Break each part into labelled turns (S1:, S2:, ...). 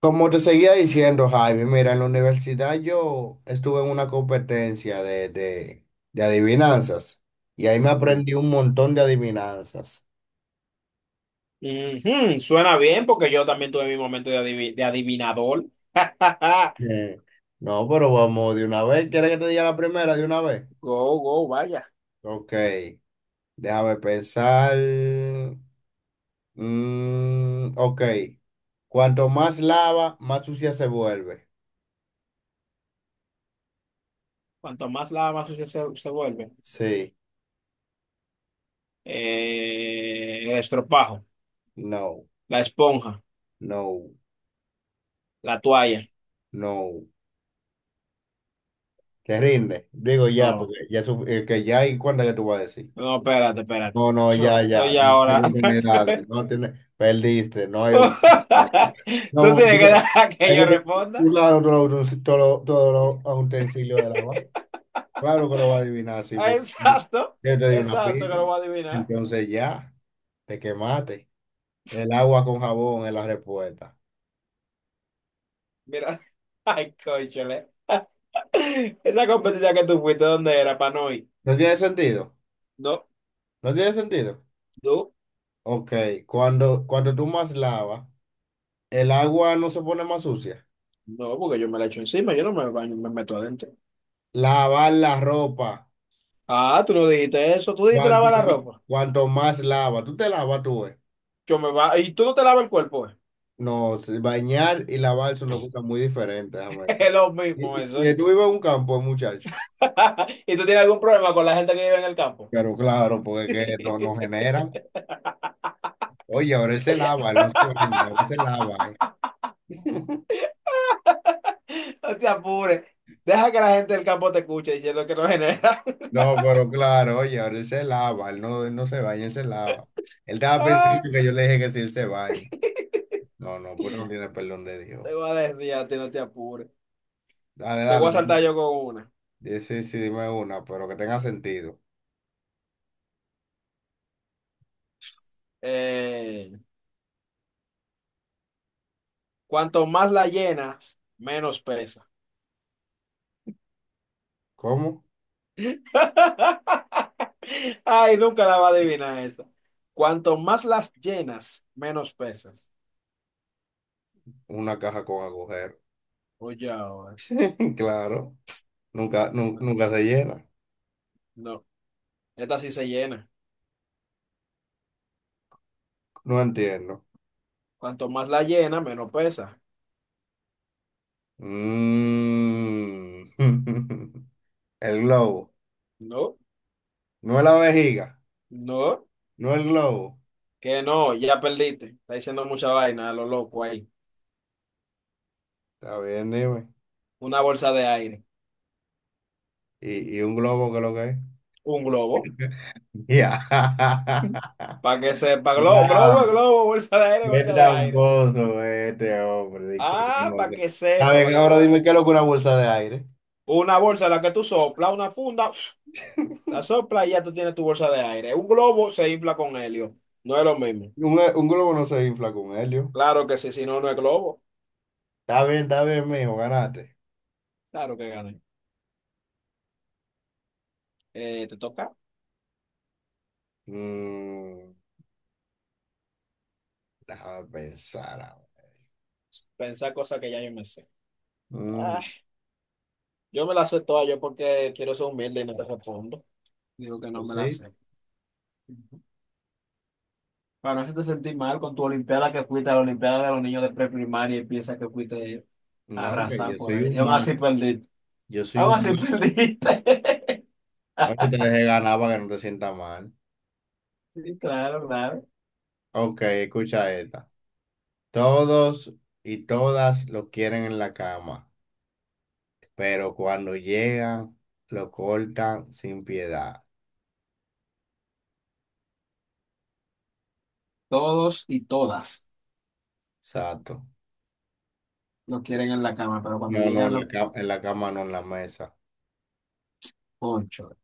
S1: Como te seguía diciendo, Jaime, mira, en la universidad yo estuve en una competencia de adivinanzas y ahí me
S2: Sí.
S1: aprendí un montón de adivinanzas.
S2: Ujú, suena bien porque yo también tuve mi momento de, de adivinador.
S1: Eh, No, pero vamos de una vez. ¿Quieres que te diga la primera de una vez?
S2: Go, go, vaya.
S1: Ok, déjame pensar. Ok, cuanto más lava, más sucia se vuelve.
S2: Cuanto más lava, más sucia se vuelve.
S1: Sí,
S2: El estropajo,
S1: no,
S2: la esponja,
S1: no,
S2: la toalla.
S1: no. Te rinde. Digo ya, porque
S2: No,
S1: ya, que ya y cuándo que tú vas a decir.
S2: no, espérate, espérate.
S1: No, no,
S2: Yo-
S1: ya, ya.
S2: Oye,
S1: No hay
S2: ahora.
S1: oportunidades. No tiene, perdiste, no hay oportunidades. No,
S2: Tú
S1: porque
S2: tienes que
S1: tú...
S2: dejar que
S1: es
S2: yo
S1: que tú,
S2: responda.
S1: claro, todos los todo, todo los utensilios del agua. Claro que lo va a adivinar, sí, porque yo
S2: Exacto,
S1: te di una
S2: exacto, que
S1: pista.
S2: lo voy a adivinar.
S1: Entonces ya, te quemaste. El agua con jabón es la respuesta.
S2: Mira, ay, cónchale. Esa competencia que tú fuiste, ¿dónde era, para no ir?
S1: ¿No tiene sentido?
S2: No,
S1: ¿No tiene sentido?
S2: no,
S1: Ok, cuando tú más lavas, el agua no se pone más sucia.
S2: no, porque yo me la echo encima, yo no me baño, me meto adentro.
S1: Lavar la ropa.
S2: Ah, tú no dijiste eso, tú dijiste
S1: Cuanto,
S2: lavar la ropa.
S1: cuanto más lava, tú te lavas tú, eh.
S2: Yo me va, ¿y tú no te lavas el cuerpo, eh?
S1: No, sí, bañar y lavar son dos cosas muy diferentes, déjame decir.
S2: Es lo mismo
S1: Y,
S2: eso.
S1: y, y
S2: ¿Y
S1: tú vives en un campo, muchacho.
S2: tú tienes algún problema con la gente que vive en el campo?
S1: Pero claro, porque es que no, no generan. Oye, ahora él se lava, él no se baña, ahora él se lava, eh.
S2: No te apures. Deja que la gente del campo te escuche diciendo que no genera.
S1: No, pero claro, oye, ahora él se lava, él no se baña, él se lava. Él estaba pensando
S2: Ah,
S1: que yo le dije que si él se baña. No, no, pues no tiene perdón de Dios.
S2: te voy a decir a ti, no te apures.
S1: Dale,
S2: Te voy
S1: dale,
S2: a saltar
S1: dime.
S2: yo con una.
S1: Sí, sí, sí, dime una, pero que tenga sentido.
S2: Eh, Cuanto más la llenas, menos pesa.
S1: ¿Cómo?
S2: Ay, nunca la va a adivinar esa. Cuanto más las llenas, menos pesas.
S1: Una caja con agujeros.
S2: Oye, ahora.
S1: Claro,
S2: No,
S1: nunca se llena.
S2: no, esta sí se llena.
S1: No entiendo.
S2: Cuanto más la llena, menos pesa.
S1: Mm. El globo.
S2: No,
S1: No es la vejiga.
S2: no,
S1: No el globo.
S2: que no, ya perdiste. Está diciendo mucha vaina a lo loco ahí.
S1: Está bien, dime.
S2: Una bolsa de aire,
S1: Y un globo qué es lo que es?
S2: un globo,
S1: Ya.
S2: para que sepa. Globo, es
S1: Wow.
S2: globo, bolsa de aire,
S1: Qué
S2: bolsa de aire.
S1: tramposo este hombre. Di que
S2: Ah,
S1: no
S2: para
S1: sé.
S2: que
S1: Está
S2: sepa,
S1: bien,
S2: para que no
S1: ahora
S2: vea.
S1: dime qué es lo que una bolsa de aire.
S2: Una bolsa en la que tú soplas, una funda, la sopla y ya tú tienes tu bolsa de aire. Un globo se infla con helio. No es lo mismo.
S1: Un globo no se infla con helio.
S2: Claro que sí, si no, no es globo.
S1: Está bien, mijo, ganaste.
S2: Claro que gané. Te toca
S1: Mm, déjame pensar ahora.
S2: pensar cosas que ya yo me sé. Ah,
S1: Mm.
S2: yo me las sé todas yo porque quiero ser humilde y no te respondo. Digo que no
S1: Yo
S2: me las
S1: sí,
S2: sé. Ujú. Para no hacerte sentir mal con tu olimpiada, que fuiste a la olimpiada de los niños de preprimaria y piensas que fuiste a
S1: no, que yo
S2: arrasar por
S1: soy
S2: ahí.
S1: un
S2: Y aún
S1: mal,
S2: así perdiste.
S1: yo soy
S2: Aún
S1: un
S2: así
S1: mal.
S2: perdiste.
S1: No, yo te dejé ganar para que no te sientas mal.
S2: Sí, claro, claro.
S1: Ok, escucha esta. Todos y todas lo quieren en la cama, pero cuando llegan, lo cortan sin piedad.
S2: Todos y todas
S1: Exacto.
S2: lo quieren en la cama, pero
S1: No,
S2: cuando
S1: no,
S2: llegan los
S1: en la cama, no en la mesa.
S2: ponchos,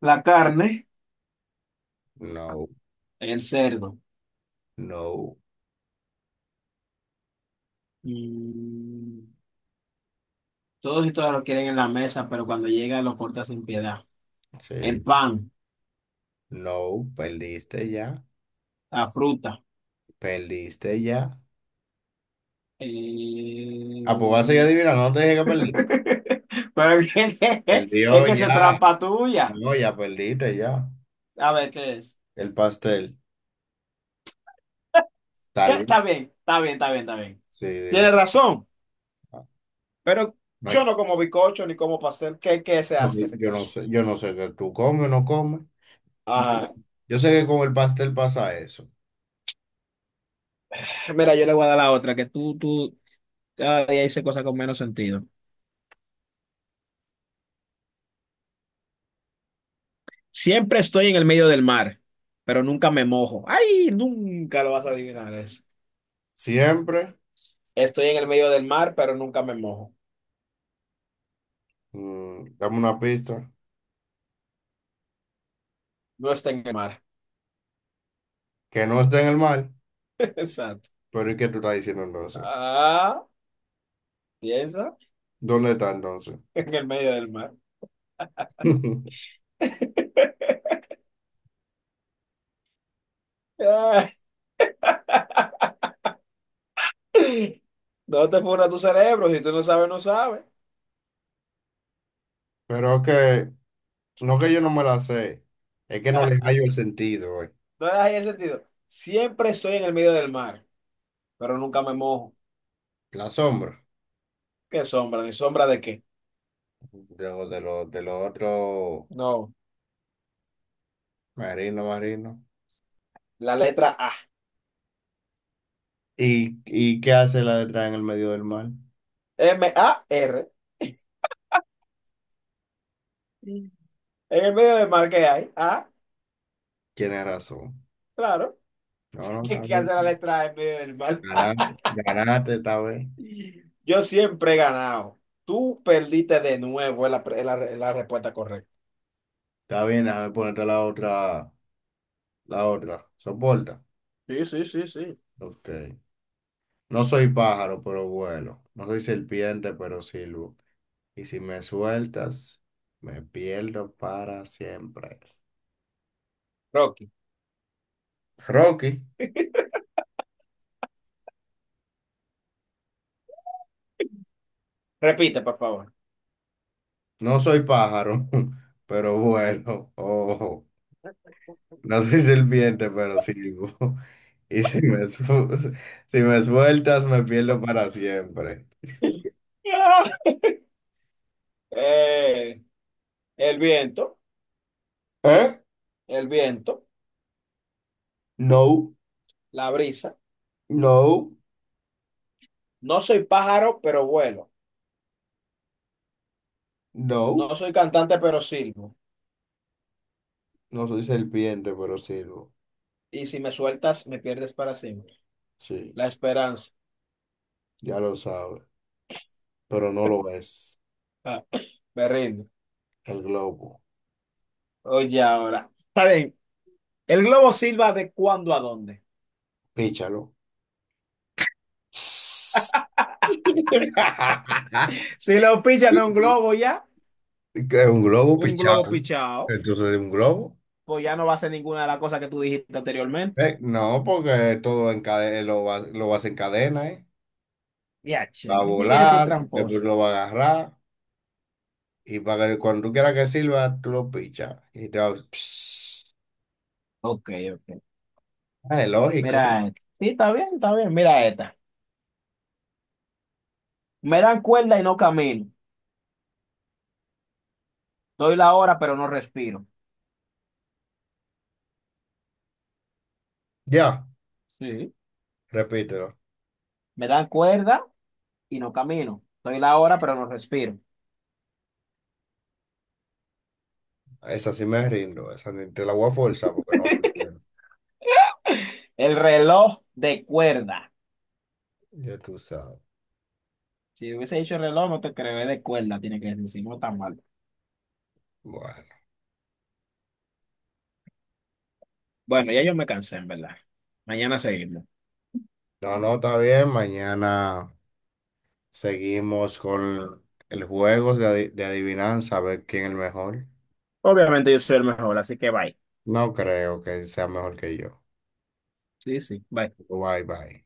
S2: la carne,
S1: No,
S2: el cerdo.
S1: no,
S2: Mm, todos y todas lo quieren en la mesa, pero cuando llega lo corta sin piedad. El
S1: sí,
S2: pan,
S1: no, perdiste ya,
S2: la fruta.
S1: perdiste ya. Ah, pues vas a seguir
S2: eh,
S1: adivinando, no te dije que perdiste.
S2: Pero ¿qué es? Es
S1: Perdió
S2: que eso es
S1: ya,
S2: trampa tuya.
S1: no, ya perdiste ya.
S2: A ver, ¿qué es?
S1: El pastel,
S2: ¿Qué?
S1: tal vez.
S2: Está bien, está bien, está bien, está bien.
S1: Sí, digo,
S2: Tienes razón,
S1: no,
S2: pero
S1: no hay
S2: yo
S1: que...
S2: no como bizcocho ni como pastel. ¿Qué, qué se hace en ese caso?
S1: yo no sé que tú comes o no comes.
S2: Ajá.
S1: Yo sé que con el pastel pasa eso.
S2: Mira, yo le voy a dar la otra, que tú cada día dices cosas con menos sentido. Siempre estoy en el medio del mar, pero nunca me mojo. ¡Ay! Nunca lo vas a adivinar eso.
S1: Siempre,
S2: Estoy en el medio del mar, pero nunca me mojo.
S1: mm, dame una pista,
S2: No está en el mar.
S1: que no esté en el mal,
S2: Exacto.
S1: pero ¿y qué tú estás diciendo entonces?
S2: Ah, piensa
S1: ¿Dónde está entonces?
S2: en el medio del mar. Ah, no te funda tu cerebro. Si tú no sabes, no sabes.
S1: Pero que, no que yo no me la sé, es que no le hallo el sentido, güey.
S2: No le das ahí el sentido. Siempre estoy en el medio del mar, pero nunca me mojo.
S1: La sombra
S2: ¿Qué sombra? ¿Ni sombra de qué?
S1: de lo otro
S2: No.
S1: marino, marino.
S2: La letra A.
S1: Y qué hace la de estar en el medio del mar?
S2: mar. Sí. En el medio del mar que hay. Ah,
S1: Tienes razón.
S2: claro.
S1: No, no,
S2: ¿Qué,
S1: está
S2: qué hace
S1: bien.
S2: la letra A en medio del mar?
S1: Ganaste, ganaste esta vez.
S2: Yo siempre he ganado. Tú perdiste de nuevo es la, es la respuesta correcta.
S1: Está bien, déjame ponerte la otra, la otra. ¿Soporta?
S2: Sí, sí, sí, sí.
S1: Ok. No soy pájaro, pero vuelo. No soy serpiente, pero silbo. Y si me sueltas, me pierdo para siempre.
S2: Rocky.
S1: Rocky,
S2: Repite, por favor.
S1: no soy pájaro, pero vuelo. Ojo. No soy serpiente, pero silbo. Y si me, su- si me sueltas, me pierdo para siempre.
S2: Sí. Ah, eh, el viento,
S1: ¿Eh?
S2: el viento,
S1: No,
S2: la brisa.
S1: no,
S2: No soy pájaro, pero vuelo.
S1: no.
S2: No soy cantante, pero silbo.
S1: No soy serpiente, pero sirvo.
S2: Y si me sueltas, me pierdes para siempre.
S1: Sí,
S2: La esperanza.
S1: ya lo sabe. Pero no lo ves.
S2: Ah, me rindo.
S1: El globo.
S2: Oye, ahora. Está bien. El globo silba de cuándo a dónde.
S1: Píchalo.
S2: Si lo pichan de un globo ya,
S1: ¿Qué es un globo
S2: un globo
S1: pichado?
S2: pichado,
S1: Entonces, ¿es ¿un globo?
S2: pues ya no va a ser ninguna de las cosas que tú dijiste anteriormente.
S1: No, porque todo en cadena, lo vas en cadena, ¿eh?
S2: Ya,
S1: Va
S2: che,
S1: a volar,
S2: sigue decir tramposo.
S1: después lo va a agarrar. Y para que cuando tú quieras que sirva, tú lo pichas. Y te va...
S2: Ok, ok.
S1: Ah, es lógico.
S2: Mira esta. Sí, está bien, está bien. Mira esta. Me dan cuerda y no camino. Doy la hora, pero no respiro.
S1: Ya,
S2: Sí.
S1: repítelo.
S2: Me dan cuerda y no camino. Doy la hora, pero no respiro.
S1: Esa sí me rindo, esa ni- te la voy a forzar porque no te quiero.
S2: El reloj de cuerda.
S1: Ya tú sabes.
S2: Si hubiese dicho reloj, no te creo, es de cuerda, tiene que decir, no tan mal.
S1: Bueno,
S2: Bueno, ya yo me cansé, en verdad. Mañana seguimos.
S1: no, no, está bien. Mañana seguimos con el juego de adivinanza, a ver quién es el mejor.
S2: Obviamente yo soy el mejor, así que bye.
S1: No creo que sea mejor que yo.
S2: Sí, sí, bye.
S1: Bye, bye.